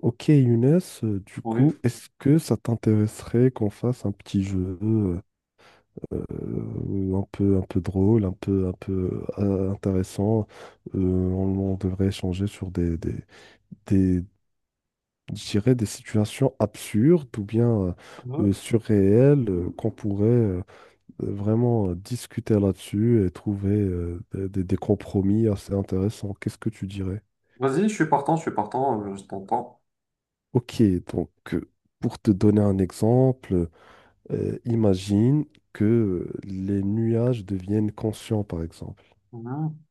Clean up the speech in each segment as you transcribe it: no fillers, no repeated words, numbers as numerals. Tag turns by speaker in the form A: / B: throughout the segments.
A: Ok Younes, du
B: Oui.
A: coup, est-ce que ça t'intéresserait qu'on fasse un petit jeu un peu drôle, un peu intéressant? On devrait échanger sur des, je dirais des situations absurdes ou bien
B: Ouais.
A: surréelles qu'on pourrait vraiment discuter là-dessus et trouver des compromis assez intéressants. Qu'est-ce que tu dirais?
B: Vas-y, je suis partant, je suis partant, je t'entends.
A: Ok, donc pour te donner un exemple. Imagine que les nuages deviennent conscients, par exemple.
B: Mhm.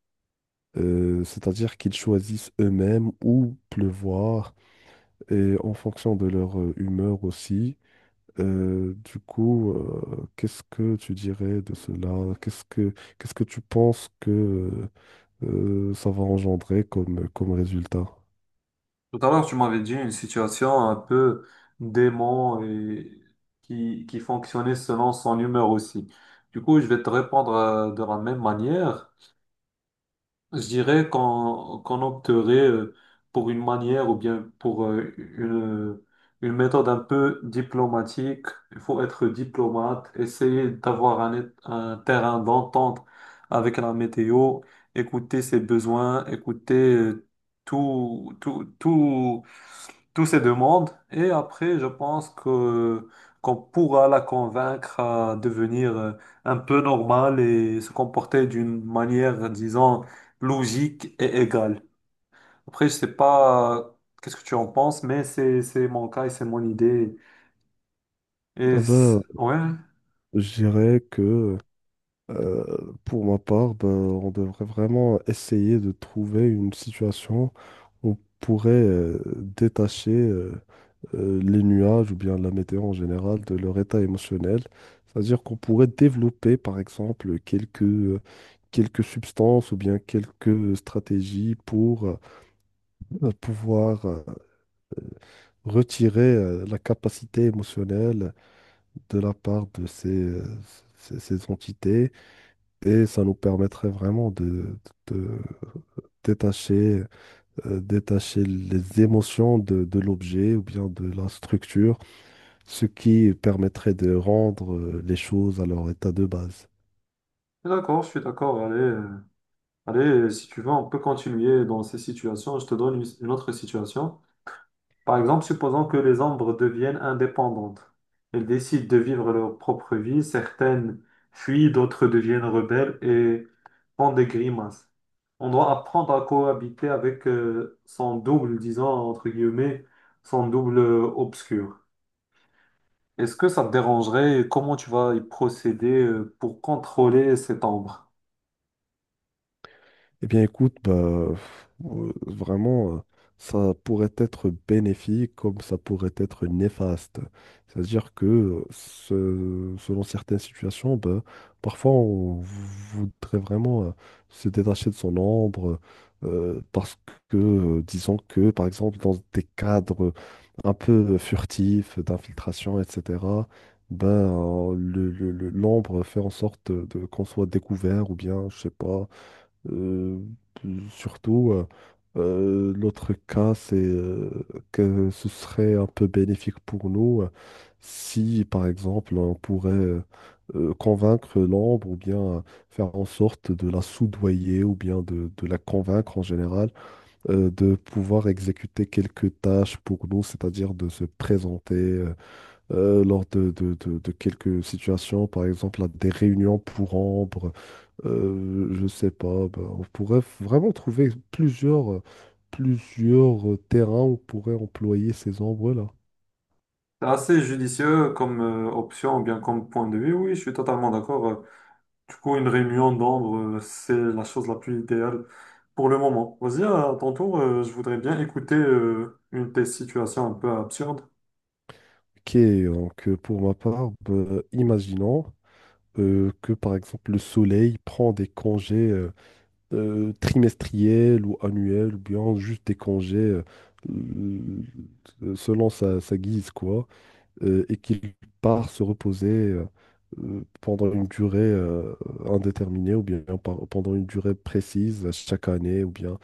A: C'est-à-dire qu'ils choisissent eux-mêmes où pleuvoir et en fonction de leur humeur aussi. Qu'est-ce que tu dirais de cela? Qu'est-ce que tu penses que ça va engendrer comme, comme résultat?
B: Tout à l'heure, tu m'avais dit une situation un peu dément et qui fonctionnait selon son humeur aussi. Du coup, je vais te répondre de la même manière. Je dirais qu'on opterait pour une manière ou bien pour une méthode un peu diplomatique. Il faut être diplomate, essayer d'avoir un terrain d'entente avec la météo, écouter ses besoins, écouter tout, toutes ces demandes et après, je pense que qu'on pourra la convaincre à devenir un peu normale et se comporter d'une manière, disons, logique et égale. Après, je sais pas, qu'est-ce que tu en penses, mais c'est mon cas et c'est mon idée.
A: Eh ben,
B: Ouais,
A: je dirais que pour ma part, ben, on devrait vraiment essayer de trouver une situation où on pourrait détacher les nuages ou bien la météo en général, de leur état émotionnel. C'est-à-dire qu'on pourrait développer, par exemple, quelques substances ou bien quelques stratégies pour pouvoir retirer la capacité émotionnelle de la part de ces entités et ça nous permettrait vraiment de détacher, détacher les émotions de l'objet ou bien de la structure, ce qui permettrait de rendre les choses à leur état de base.
B: d'accord, je suis d'accord. Allez, allez, si tu veux, on peut continuer dans ces situations. Je te donne une autre situation. Par exemple, supposons que les ombres deviennent indépendantes. Elles décident de vivre leur propre vie, certaines fuient, d'autres deviennent rebelles et font des grimaces. On doit apprendre à cohabiter avec son double, disons entre guillemets, son double obscur. Est-ce que ça te dérangerait et comment tu vas y procéder pour contrôler cette ombre?
A: Eh bien, écoute, vraiment, ça pourrait être bénéfique comme ça pourrait être néfaste. C'est-à-dire que selon certaines situations, bah, parfois on voudrait vraiment se détacher de son ombre parce que, disons que, par exemple, dans des cadres un peu furtifs d'infiltration, etc., l'ombre fait en sorte qu'on soit découvert ou bien, je sais pas, euh, surtout, euh, l'autre cas, c'est que ce serait un peu bénéfique pour nous, si, par exemple, on pourrait convaincre l'ombre ou bien faire en sorte de la soudoyer ou bien de la convaincre en général, de pouvoir exécuter quelques tâches pour nous, c'est-à-dire de se présenter lors de quelques situations, par exemple à des réunions pour Ambre. Je sais pas, ben, on pourrait vraiment trouver plusieurs terrains où on pourrait employer ces ombres-là.
B: C'est assez judicieux comme option ou bien comme point de vue. Oui, je suis totalement d'accord. Du coup, une réunion d'ombre, c'est la chose la plus idéale pour le moment. Vas-y, à ton tour, je voudrais bien écouter une de tes situations un peu absurdes.
A: Ok, donc pour ma part, ben, imaginons que par exemple le soleil prend des congés trimestriels ou annuels, ou bien juste des congés selon sa guise, quoi. Et qu'il part se reposer pendant une durée indéterminée ou bien pendant une durée précise chaque année ou bien,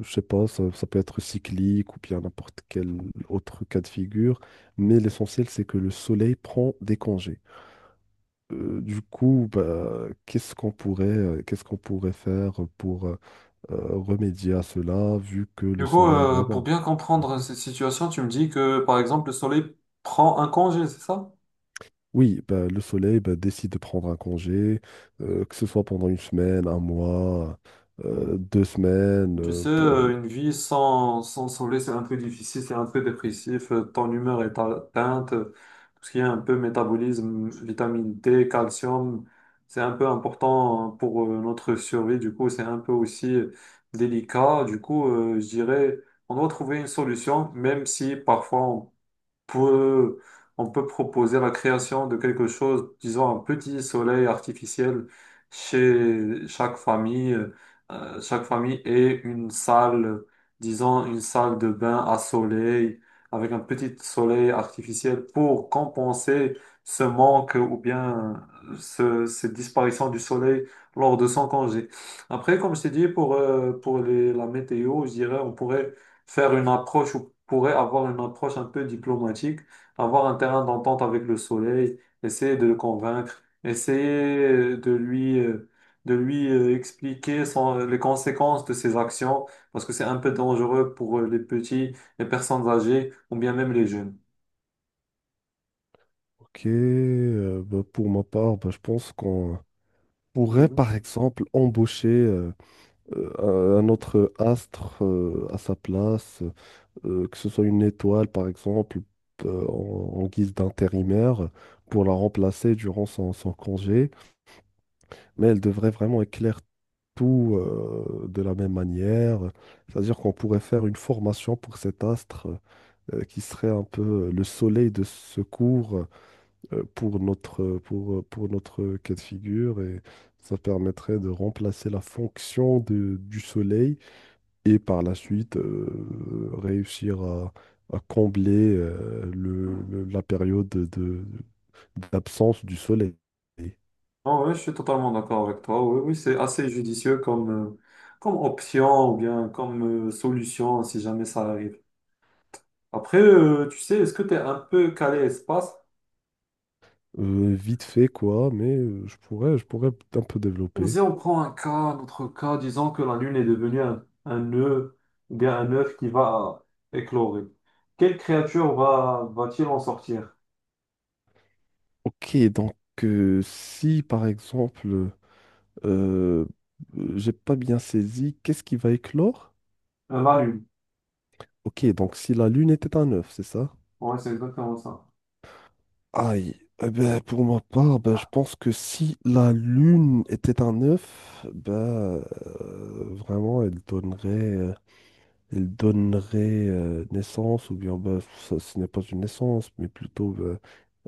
A: je sais pas, ça peut être cyclique ou bien n'importe quel autre cas de figure. Mais l'essentiel, c'est que le soleil prend des congés. Du coup, bah, qu'est-ce qu'on pourrait faire pour remédier à cela vu que le
B: Du coup,
A: soleil a
B: pour
A: vraiment...
B: bien comprendre cette situation, tu me dis que, par exemple, le soleil prend un congé, c'est ça?
A: Oui, bah, le soleil bah, décide de prendre un congé, que ce soit pendant une semaine, un mois, deux semaines.
B: Tu sais, une vie sans, sans soleil, c'est un peu difficile, c'est un peu dépressif, ton humeur est atteinte, tout ce qui est un peu métabolisme, vitamine D, calcium, c'est un peu important pour notre survie, du coup, c'est un peu aussi délicat, du coup, je dirais, on doit trouver une solution, même si parfois peut, on peut proposer la création de quelque chose, disons un petit soleil artificiel chez chaque famille. Chaque famille et une salle, disons une salle de bain à soleil, avec un petit soleil artificiel pour compenser ce manque ou bien cette disparition du soleil lors de son congé. Après, comme je t'ai dit, pour la météo, je dirais, on pourrait faire une approche ou pourrait avoir une approche un peu diplomatique, avoir un terrain d'entente avec le soleil, essayer de le convaincre, essayer de lui expliquer les conséquences de ses actions, parce que c'est un peu dangereux pour les petits, les personnes âgées ou bien même les jeunes.
A: Ok, bah, pour ma part, bah, je pense qu'on pourrait
B: Mhm.
A: par exemple embaucher un autre astre à sa place, que ce soit une étoile par exemple, en guise d'intérimaire, pour la remplacer durant son congé. Mais elle devrait vraiment éclairer tout de la même manière. C'est-à-dire qu'on pourrait faire une formation pour cet astre qui serait un peu le soleil de secours pour pour notre cas de figure, et ça permettrait de remplacer la fonction du soleil, et par la suite réussir à combler la période d'absence du soleil.
B: Ah ouais, je suis totalement d'accord avec toi. Oui, oui, c'est assez judicieux comme comme option ou bien comme solution si jamais ça arrive. Après, tu sais, est-ce que tu es un peu calé espace?
A: Vite fait quoi, mais je pourrais un peu développer.
B: Si on prend un cas, notre cas, disons que la Lune est devenue un nœud, ou bien un œuf qui va éclorer. Quelle créature va, va-t-il en sortir?
A: Ok, donc si par exemple, euh, j'ai pas bien saisi, qu'est-ce qui va éclore?
B: La Lune.
A: Ok, donc si la Lune était un œuf, c'est ça?
B: Ouais, c'est exactement ça.
A: Aïe, eh ben, pour ma part, ben, je pense que si la Lune était un œuf, ben, vraiment, euh, elle donnerait naissance, ou bien ben, ça, ce n'est pas une naissance, mais plutôt, ben,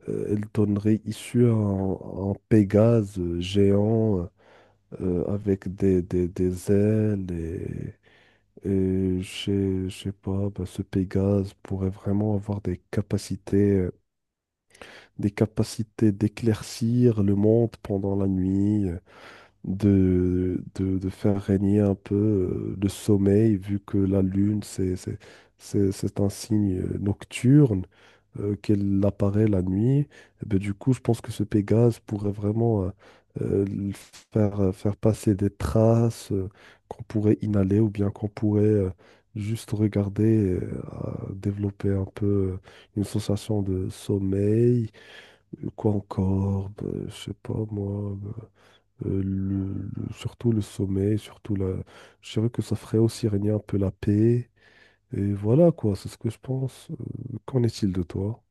A: elle donnerait issue à à un Pégase géant avec des ailes, et je sais pas, bah, ce Pégase pourrait vraiment avoir des capacités d'éclaircir le monde pendant la nuit. De faire régner un peu le sommeil, vu que la Lune, c'est un signe nocturne, qu'elle apparaît la nuit. Et ben, du coup, je pense que ce Pégase pourrait vraiment euh, le faire passer des traces qu'on pourrait inhaler ou bien qu'on pourrait juste regarder, à développer un peu euh, une sensation de sommeil. Quoi encore? Ben, je sais pas, moi. Ben, surtout le sommeil, surtout la... Je dirais que ça ferait aussi régner un peu la paix. Et voilà quoi, c'est ce que je pense. Qu'en est-il de toi?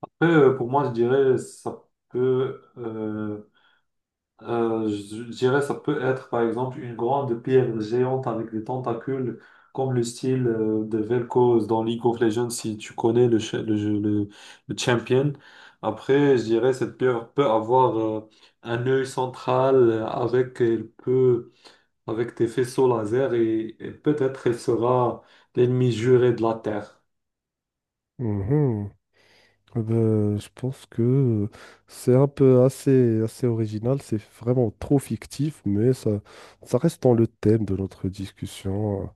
B: Après, pour moi, je dirais, ça peut je dirais ça peut être par exemple une grande pierre géante avec des tentacules comme le style de Vel'Koz dans League of Legends si tu connais le, cha- le, jeu- le champion. Après, je dirais cette pierre peut avoir un œil central avec elle peut avec des faisceaux laser et peut-être elle sera l'ennemi juré de la Terre.
A: Mhm. Eh ben, je pense que c'est un peu assez, assez original, c'est vraiment trop fictif, mais ça reste dans le thème de notre discussion.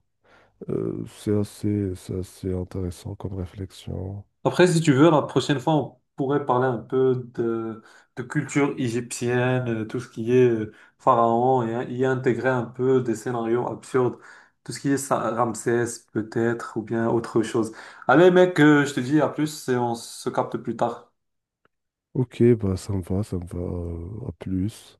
A: C'est assez intéressant comme réflexion.
B: Après, si tu veux, la prochaine fois, on pourrait parler un peu de culture égyptienne, tout ce qui est pharaon, et y intégrer un peu des scénarios absurdes, tout ce qui est Ramsès peut-être, ou bien autre chose. Allez, mec, je te dis à plus et on se capte plus tard.
A: Ok, bah ça me va, ça me va. À plus.